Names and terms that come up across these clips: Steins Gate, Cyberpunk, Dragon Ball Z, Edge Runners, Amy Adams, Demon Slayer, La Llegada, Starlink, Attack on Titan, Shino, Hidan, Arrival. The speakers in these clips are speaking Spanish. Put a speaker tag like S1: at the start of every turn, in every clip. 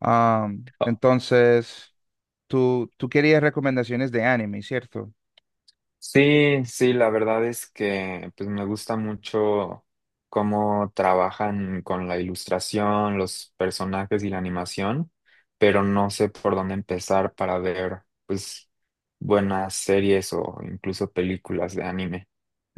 S1: Ah,
S2: Oh,
S1: entonces, tú querías recomendaciones de anime, ¿cierto?
S2: sí, sí, la verdad es que me gusta mucho cómo trabajan con la ilustración, los personajes y la animación, pero no sé por dónde empezar para ver pues buenas series o incluso películas de anime.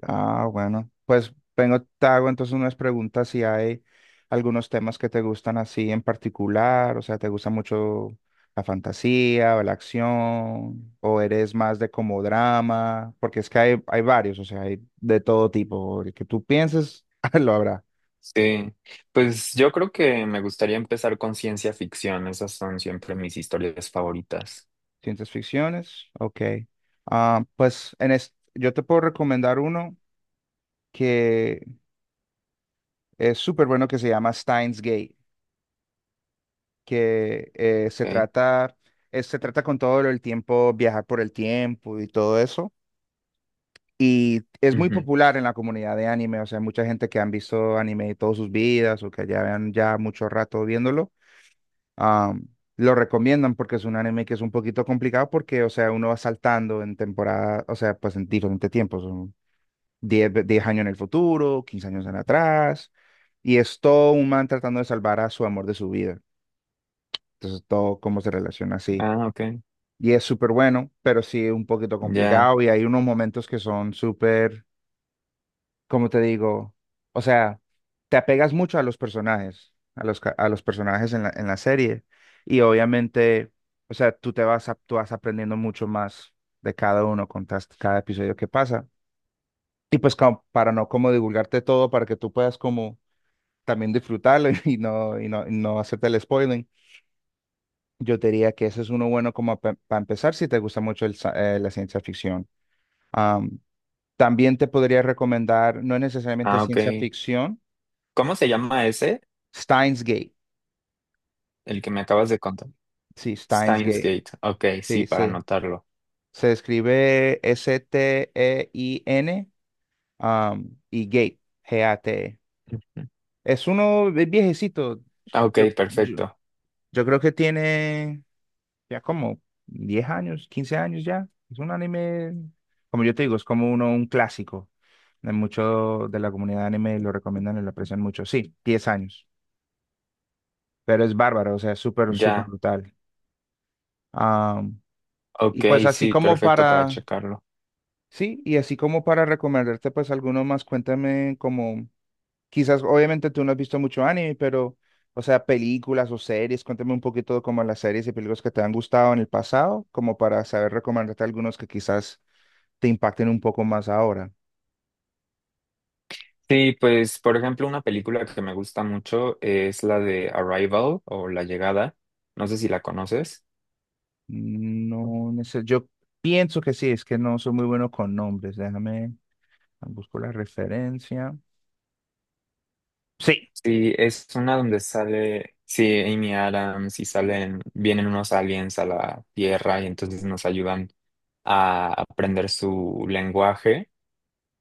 S1: Ah, bueno, pues vengo, te hago entonces unas preguntas si hay algunos temas que te gustan así en particular, o sea, ¿te gusta mucho la fantasía o la acción? ¿O eres más de como drama? Porque es que hay varios, o sea, hay de todo tipo. El que tú pienses, lo habrá.
S2: Sí, pues yo creo que me gustaría empezar con ciencia ficción, esas son siempre mis historias favoritas.
S1: ¿Ciencias ficciones? Ok. Ah, pues yo te puedo recomendar uno que es súper bueno que se llama Steins Gate, que
S2: Okay.
S1: se trata con todo el tiempo, viajar por el tiempo y todo eso. Y es muy
S2: Ujú.
S1: popular en la comunidad de anime, o sea, mucha gente que han visto anime todas sus vidas o que ya vean ya mucho rato viéndolo, am, lo recomiendan porque es un anime que es un poquito complicado porque, o sea, uno va saltando en temporada, o sea, pues en diferentes tiempos, son 10 años en el futuro, 15 años en atrás, y es todo un man tratando de salvar a su amor de su vida. Entonces todo cómo se relaciona así.
S2: Ah, ok,
S1: Y es súper bueno, pero sí un poquito
S2: ya.
S1: complicado y hay unos momentos que son súper, ¿como te digo? O sea, te apegas mucho a los personajes, a los personajes en la serie y obviamente, o sea, tú vas aprendiendo mucho más de cada uno cada episodio que pasa. Y pues como para no como divulgarte todo, para que tú puedas como también disfrutarlo y no, y no, y no hacerte el spoiling. Yo te diría que ese es uno bueno como para empezar si te gusta mucho la ciencia ficción. Am, También te podría recomendar, no es necesariamente
S2: Ah, ok.
S1: ciencia ficción,
S2: ¿Cómo se llama ese?
S1: Steins Gate.
S2: El que me acabas de contar.
S1: Sí, Steins
S2: Steins
S1: Gate.
S2: Gate. Ok, sí,
S1: Sí,
S2: para
S1: se,
S2: anotarlo.
S1: se escribe Stein, y Gate, Gate.
S2: Ujú.
S1: Es uno viejecito.
S2: Ok,
S1: Yo, yo,
S2: perfecto.
S1: yo creo que tiene ya como 10 años, 15 años ya. Es un anime, como yo te digo, es como un clásico. De mucho de la comunidad de anime lo recomiendan y lo aprecian mucho. Sí, 10 años, pero es bárbaro, o sea, es súper, súper
S2: Ya.
S1: brutal. Ah, y
S2: Ok,
S1: pues así
S2: sí,
S1: como
S2: perfecto para
S1: para,
S2: checarlo.
S1: sí, y así como para recomendarte pues alguno más, cuéntame como, quizás obviamente tú no has visto mucho anime, pero, o sea, películas o series, cuéntame un poquito como las series y películas que te han gustado en el pasado, como para saber recomendarte algunos que quizás te impacten un poco más ahora.
S2: Sí, pues, por ejemplo, una película que me gusta mucho es la de Arrival o La Llegada. No sé si la conoces.
S1: No, yo pienso que sí, es que no soy muy bueno con nombres. Déjame, busco la referencia. Sí.
S2: Sí, es una donde sale, sí, Amy Adams y salen, vienen unos aliens a la Tierra y entonces nos ayudan a aprender su lenguaje,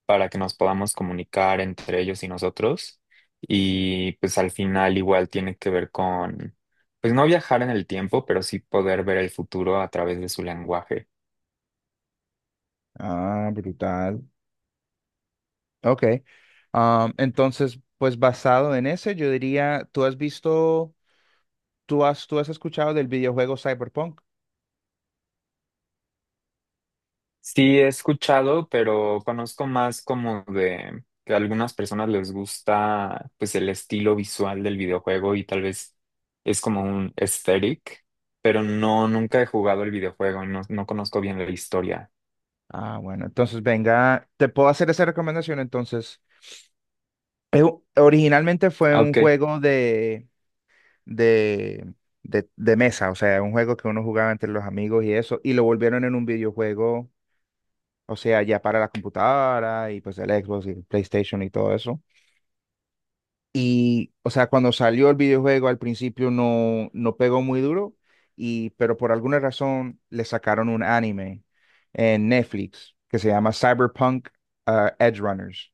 S2: para que nos podamos comunicar entre ellos y nosotros. Y pues al final igual tiene que ver con, pues no viajar en el tiempo, pero sí poder ver el futuro a través de su lenguaje.
S1: Ah, brutal. Ok. Entonces, pues basado en ese, yo diría, ¿tú has visto, tú has escuchado del videojuego Cyberpunk?
S2: Sí he escuchado, pero conozco más como de que a algunas personas les gusta pues el estilo visual del videojuego y tal vez es como un aesthetic, pero no, nunca he jugado el videojuego y no, no conozco bien la historia.
S1: Ah, bueno, entonces venga, te puedo hacer esa recomendación. Entonces, Eh, originalmente fue
S2: Ah,
S1: un
S2: ok.
S1: juego de de, de mesa, o sea, un juego que uno jugaba entre los amigos y eso, y lo volvieron en un videojuego, o sea, ya para la computadora y pues el Xbox y el PlayStation y todo eso. Y, o sea, cuando salió el videojuego al principio no, no pegó muy duro, y, pero por alguna razón le sacaron un anime en Netflix que se llama Cyberpunk Edge Runners,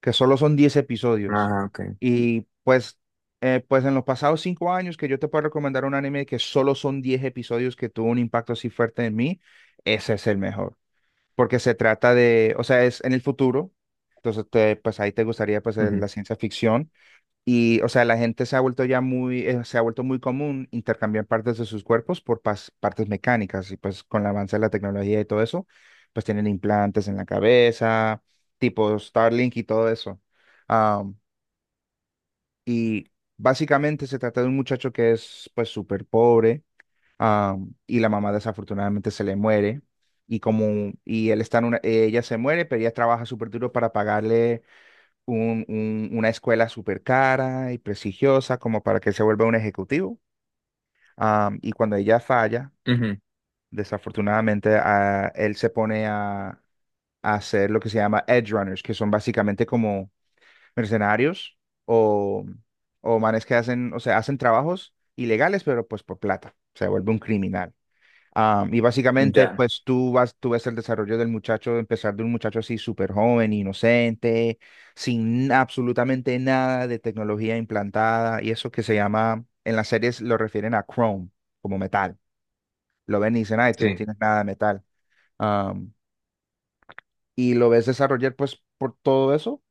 S1: que solo son 10 episodios.
S2: Ah, ok.
S1: Y pues, pues en los pasados 5 años que yo te puedo recomendar un anime que solo son 10 episodios que tuvo un impacto así fuerte en mí, ese es el mejor. Porque se trata de, o sea, es en el futuro. Entonces, pues ahí te gustaría pues
S2: Ujú,
S1: la ciencia ficción, y, o sea, la gente se ha vuelto muy común intercambiar partes de sus cuerpos por partes mecánicas. Y pues con el avance de la tecnología y todo eso, pues tienen implantes en la cabeza, tipo Starlink y todo eso. Am, y básicamente se trata de un muchacho que es pues súper pobre, y la mamá desafortunadamente se le muere. Y como, y él está en una, ella se muere, pero ella trabaja súper duro para pagarle una escuela súper cara y prestigiosa como para que se vuelva un ejecutivo. Y cuando ella falla,
S2: ujú,
S1: desafortunadamente, él se pone a hacer lo que se llama edge runners, que son básicamente como mercenarios o, o manes que hacen, o sea, hacen trabajos ilegales, pero pues por plata. Se vuelve un criminal. Ah, y básicamente,
S2: ya,
S1: pues tú ves el desarrollo del muchacho, empezar de un muchacho así súper joven, inocente, sin absolutamente nada de tecnología implantada, y eso que se llama, en las series lo refieren a Chrome, como metal. Lo ven y dicen, ay, tú no
S2: sí.
S1: tienes nada de metal. Ah, y lo ves desarrollar, pues, por todo eso,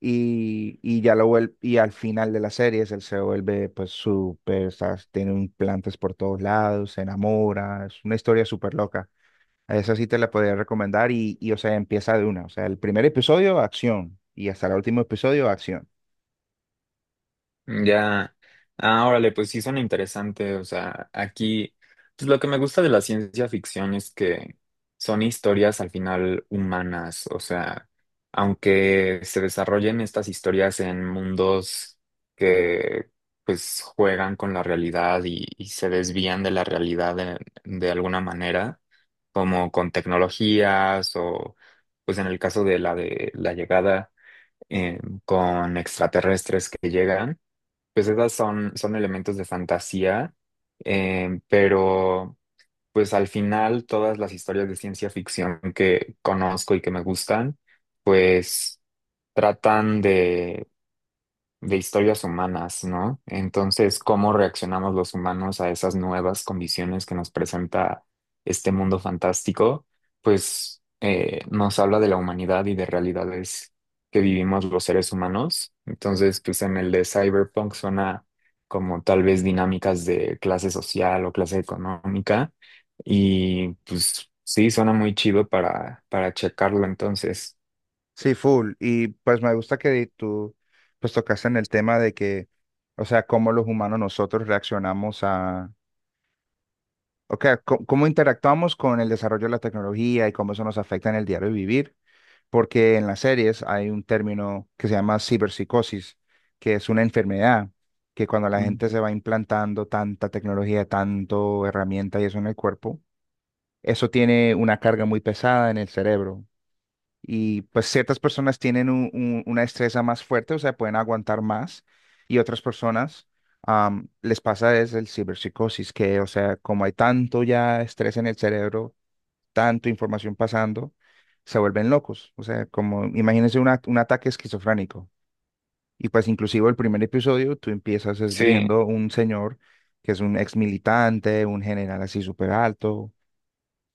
S1: y ya lo vuelve, y al final de las series, él se vuelve, pues, súper, o sea, tiene implantes por todos lados, se enamora, es una historia súper loca. Esa sí te la podría recomendar y, o sea, empieza de una. O sea, el primer episodio, acción. Y hasta el último episodio, acción.
S2: Ya, ah, órale, pues sí suena interesante. O sea, aquí, pues lo que me gusta de la ciencia ficción es que son historias al final humanas. O sea, aunque se desarrollen estas historias en mundos que pues juegan con la realidad y se desvían de la realidad de alguna manera, como con tecnologías o pues en el caso de la llegada eh, con extraterrestres que llegan, pues esas son, son elementos de fantasía, pero pues al final todas las historias de ciencia ficción que conozco y que me gustan, pues tratan de historias humanas, ¿no? Entonces, ¿cómo reaccionamos los humanos a esas nuevas condiciones que nos presenta este mundo fantástico? Pues nos habla de la humanidad y de realidades que vivimos los seres humanos. Entonces, pues en el de Cyberpunk suena como tal vez dinámicas de clase social o clase económica y pues sí, suena muy chido para checarlo entonces.
S1: Sí, full. Y pues me gusta que tú, pues tocaste en el tema de que, o sea, cómo los humanos nosotros reaccionamos a, o sea, cómo interactuamos con el desarrollo de la tecnología y cómo eso nos afecta en el diario vivir. Porque en las series hay un término que se llama ciberpsicosis, que es una enfermedad que cuando la
S2: Mm.
S1: gente se va implantando tanta tecnología, tanto herramienta y eso en el cuerpo, eso tiene una carga muy pesada en el cerebro. Y pues ciertas personas tienen una destreza más fuerte, o sea, pueden aguantar más. Y otras personas les pasa es el ciberpsicosis, que, o sea, como hay tanto ya estrés en el cerebro, tanto información pasando, se vuelven locos. O sea, como imagínense un ataque esquizofrénico. Y pues inclusive el primer episodio, tú empiezas es
S2: Sí.
S1: viendo un señor que es un ex militante, un general así súper alto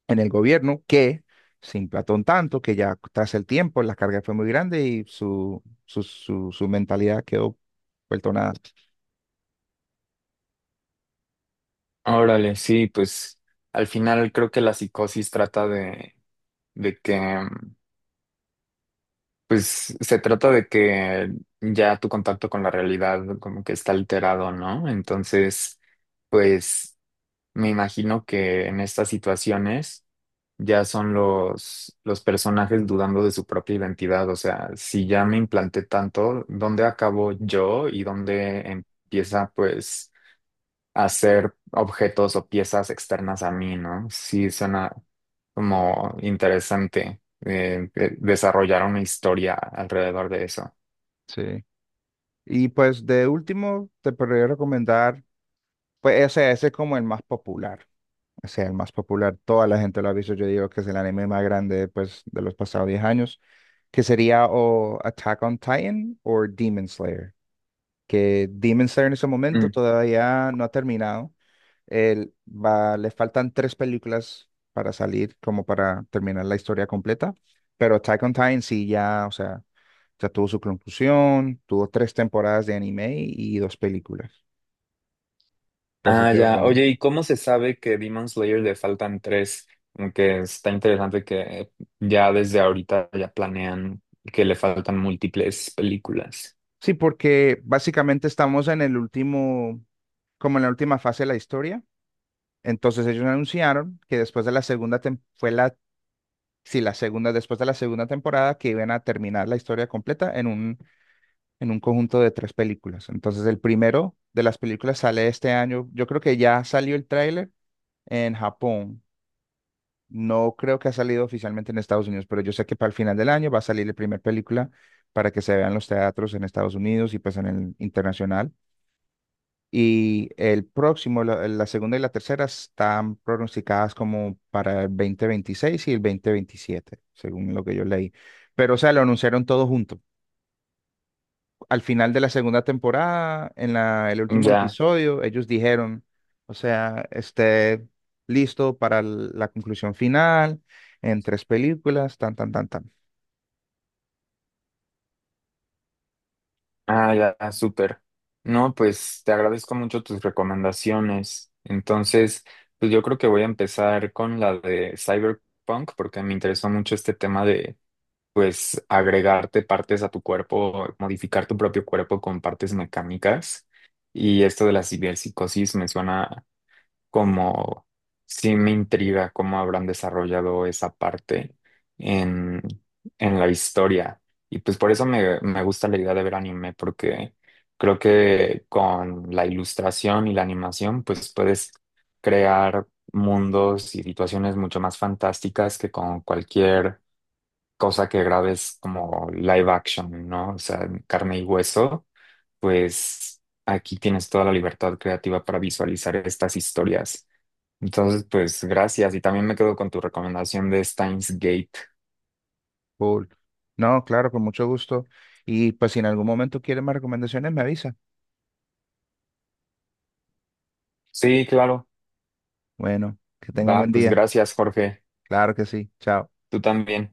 S1: en el gobierno que se emplató un tanto que ya tras el tiempo la carga fue muy grande y su mentalidad quedó vuelto nada.
S2: Órale, sí, pues al final creo que la psicosis trata de que, pues se trata de que ya tu contacto con la realidad como que está alterado, ¿no? Entonces, pues me imagino que en estas situaciones ya son los personajes dudando de su propia identidad, o sea, si ya me implanté tanto, ¿dónde acabo yo y dónde empieza, pues hacer objetos o piezas externas a mí, ¿no? Sí, suena como interesante desarrollar una historia alrededor de eso.
S1: Sí. Y pues de último te podría recomendar, pues ese es como el más popular. O sea, el más popular, toda la gente lo ha visto, yo digo que es el anime más grande pues, de los pasados 10 años, que sería o Attack on Titan o Demon Slayer, que Demon Slayer en ese momento
S2: Mm.
S1: todavía no ha terminado. El, va, le faltan tres películas para salir, como para terminar la historia completa. Pero Attack on Titan sí ya, o sea, ya tuvo su conclusión, tuvo tres temporadas de anime y dos películas. Entonces
S2: Ah,
S1: yo,
S2: ya. Oye, ¿y cómo se sabe que Demon Slayer le faltan tres? Como que está interesante que ya desde ahorita ya planean que le faltan múltiples películas.
S1: sí, porque básicamente estamos en el último, como en la última fase de la historia. Entonces ellos anunciaron que después de la segunda, fue la, sí, la segunda, después de la segunda temporada que iban a terminar la historia completa en un conjunto de tres películas. Entonces, el primero de las películas sale este año. Yo creo que ya salió el tráiler en Japón. No creo que ha salido oficialmente en Estados Unidos, pero yo sé que para el final del año va a salir la primera película para que se vean los teatros en Estados Unidos y pues en el internacional. Y el próximo, la segunda y la tercera están pronosticadas como para el 2026 y el 2027, según lo que yo leí. Pero, o sea, lo anunciaron todo junto al final de la segunda temporada, en el último
S2: Ya.
S1: episodio, ellos dijeron, o sea, esté listo para la conclusión final, en tres películas, tan, tan, tan, tan.
S2: Ah, ya, súper. No, pues te agradezco mucho tus recomendaciones. Entonces, pues yo creo que voy a empezar con la de Cyberpunk porque me interesó mucho este tema de, pues, agregarte partes a tu cuerpo, modificar tu propio cuerpo con partes mecánicas. Y esto de la ciberpsicosis me suena como sí me intriga cómo habrán desarrollado esa parte en, en la historia. Y pues por eso me, me gusta la idea de ver anime, porque creo que con la ilustración y la animación, pues puedes crear mundos y situaciones mucho más fantásticas que con cualquier cosa que grabes como live action, ¿no? O sea, en carne y hueso, pues aquí tienes toda la libertad creativa para visualizar estas historias. Entonces, pues gracias. Y también me quedo con tu recomendación de Steins Gate.
S1: Cool. No, claro, con mucho gusto. Y pues si en algún momento quieren más recomendaciones, me avisa.
S2: Sí, claro.
S1: Bueno, que tenga un
S2: Va,
S1: buen
S2: pues
S1: día.
S2: gracias, Jorge.
S1: Claro que sí. Chao.
S2: Tú también.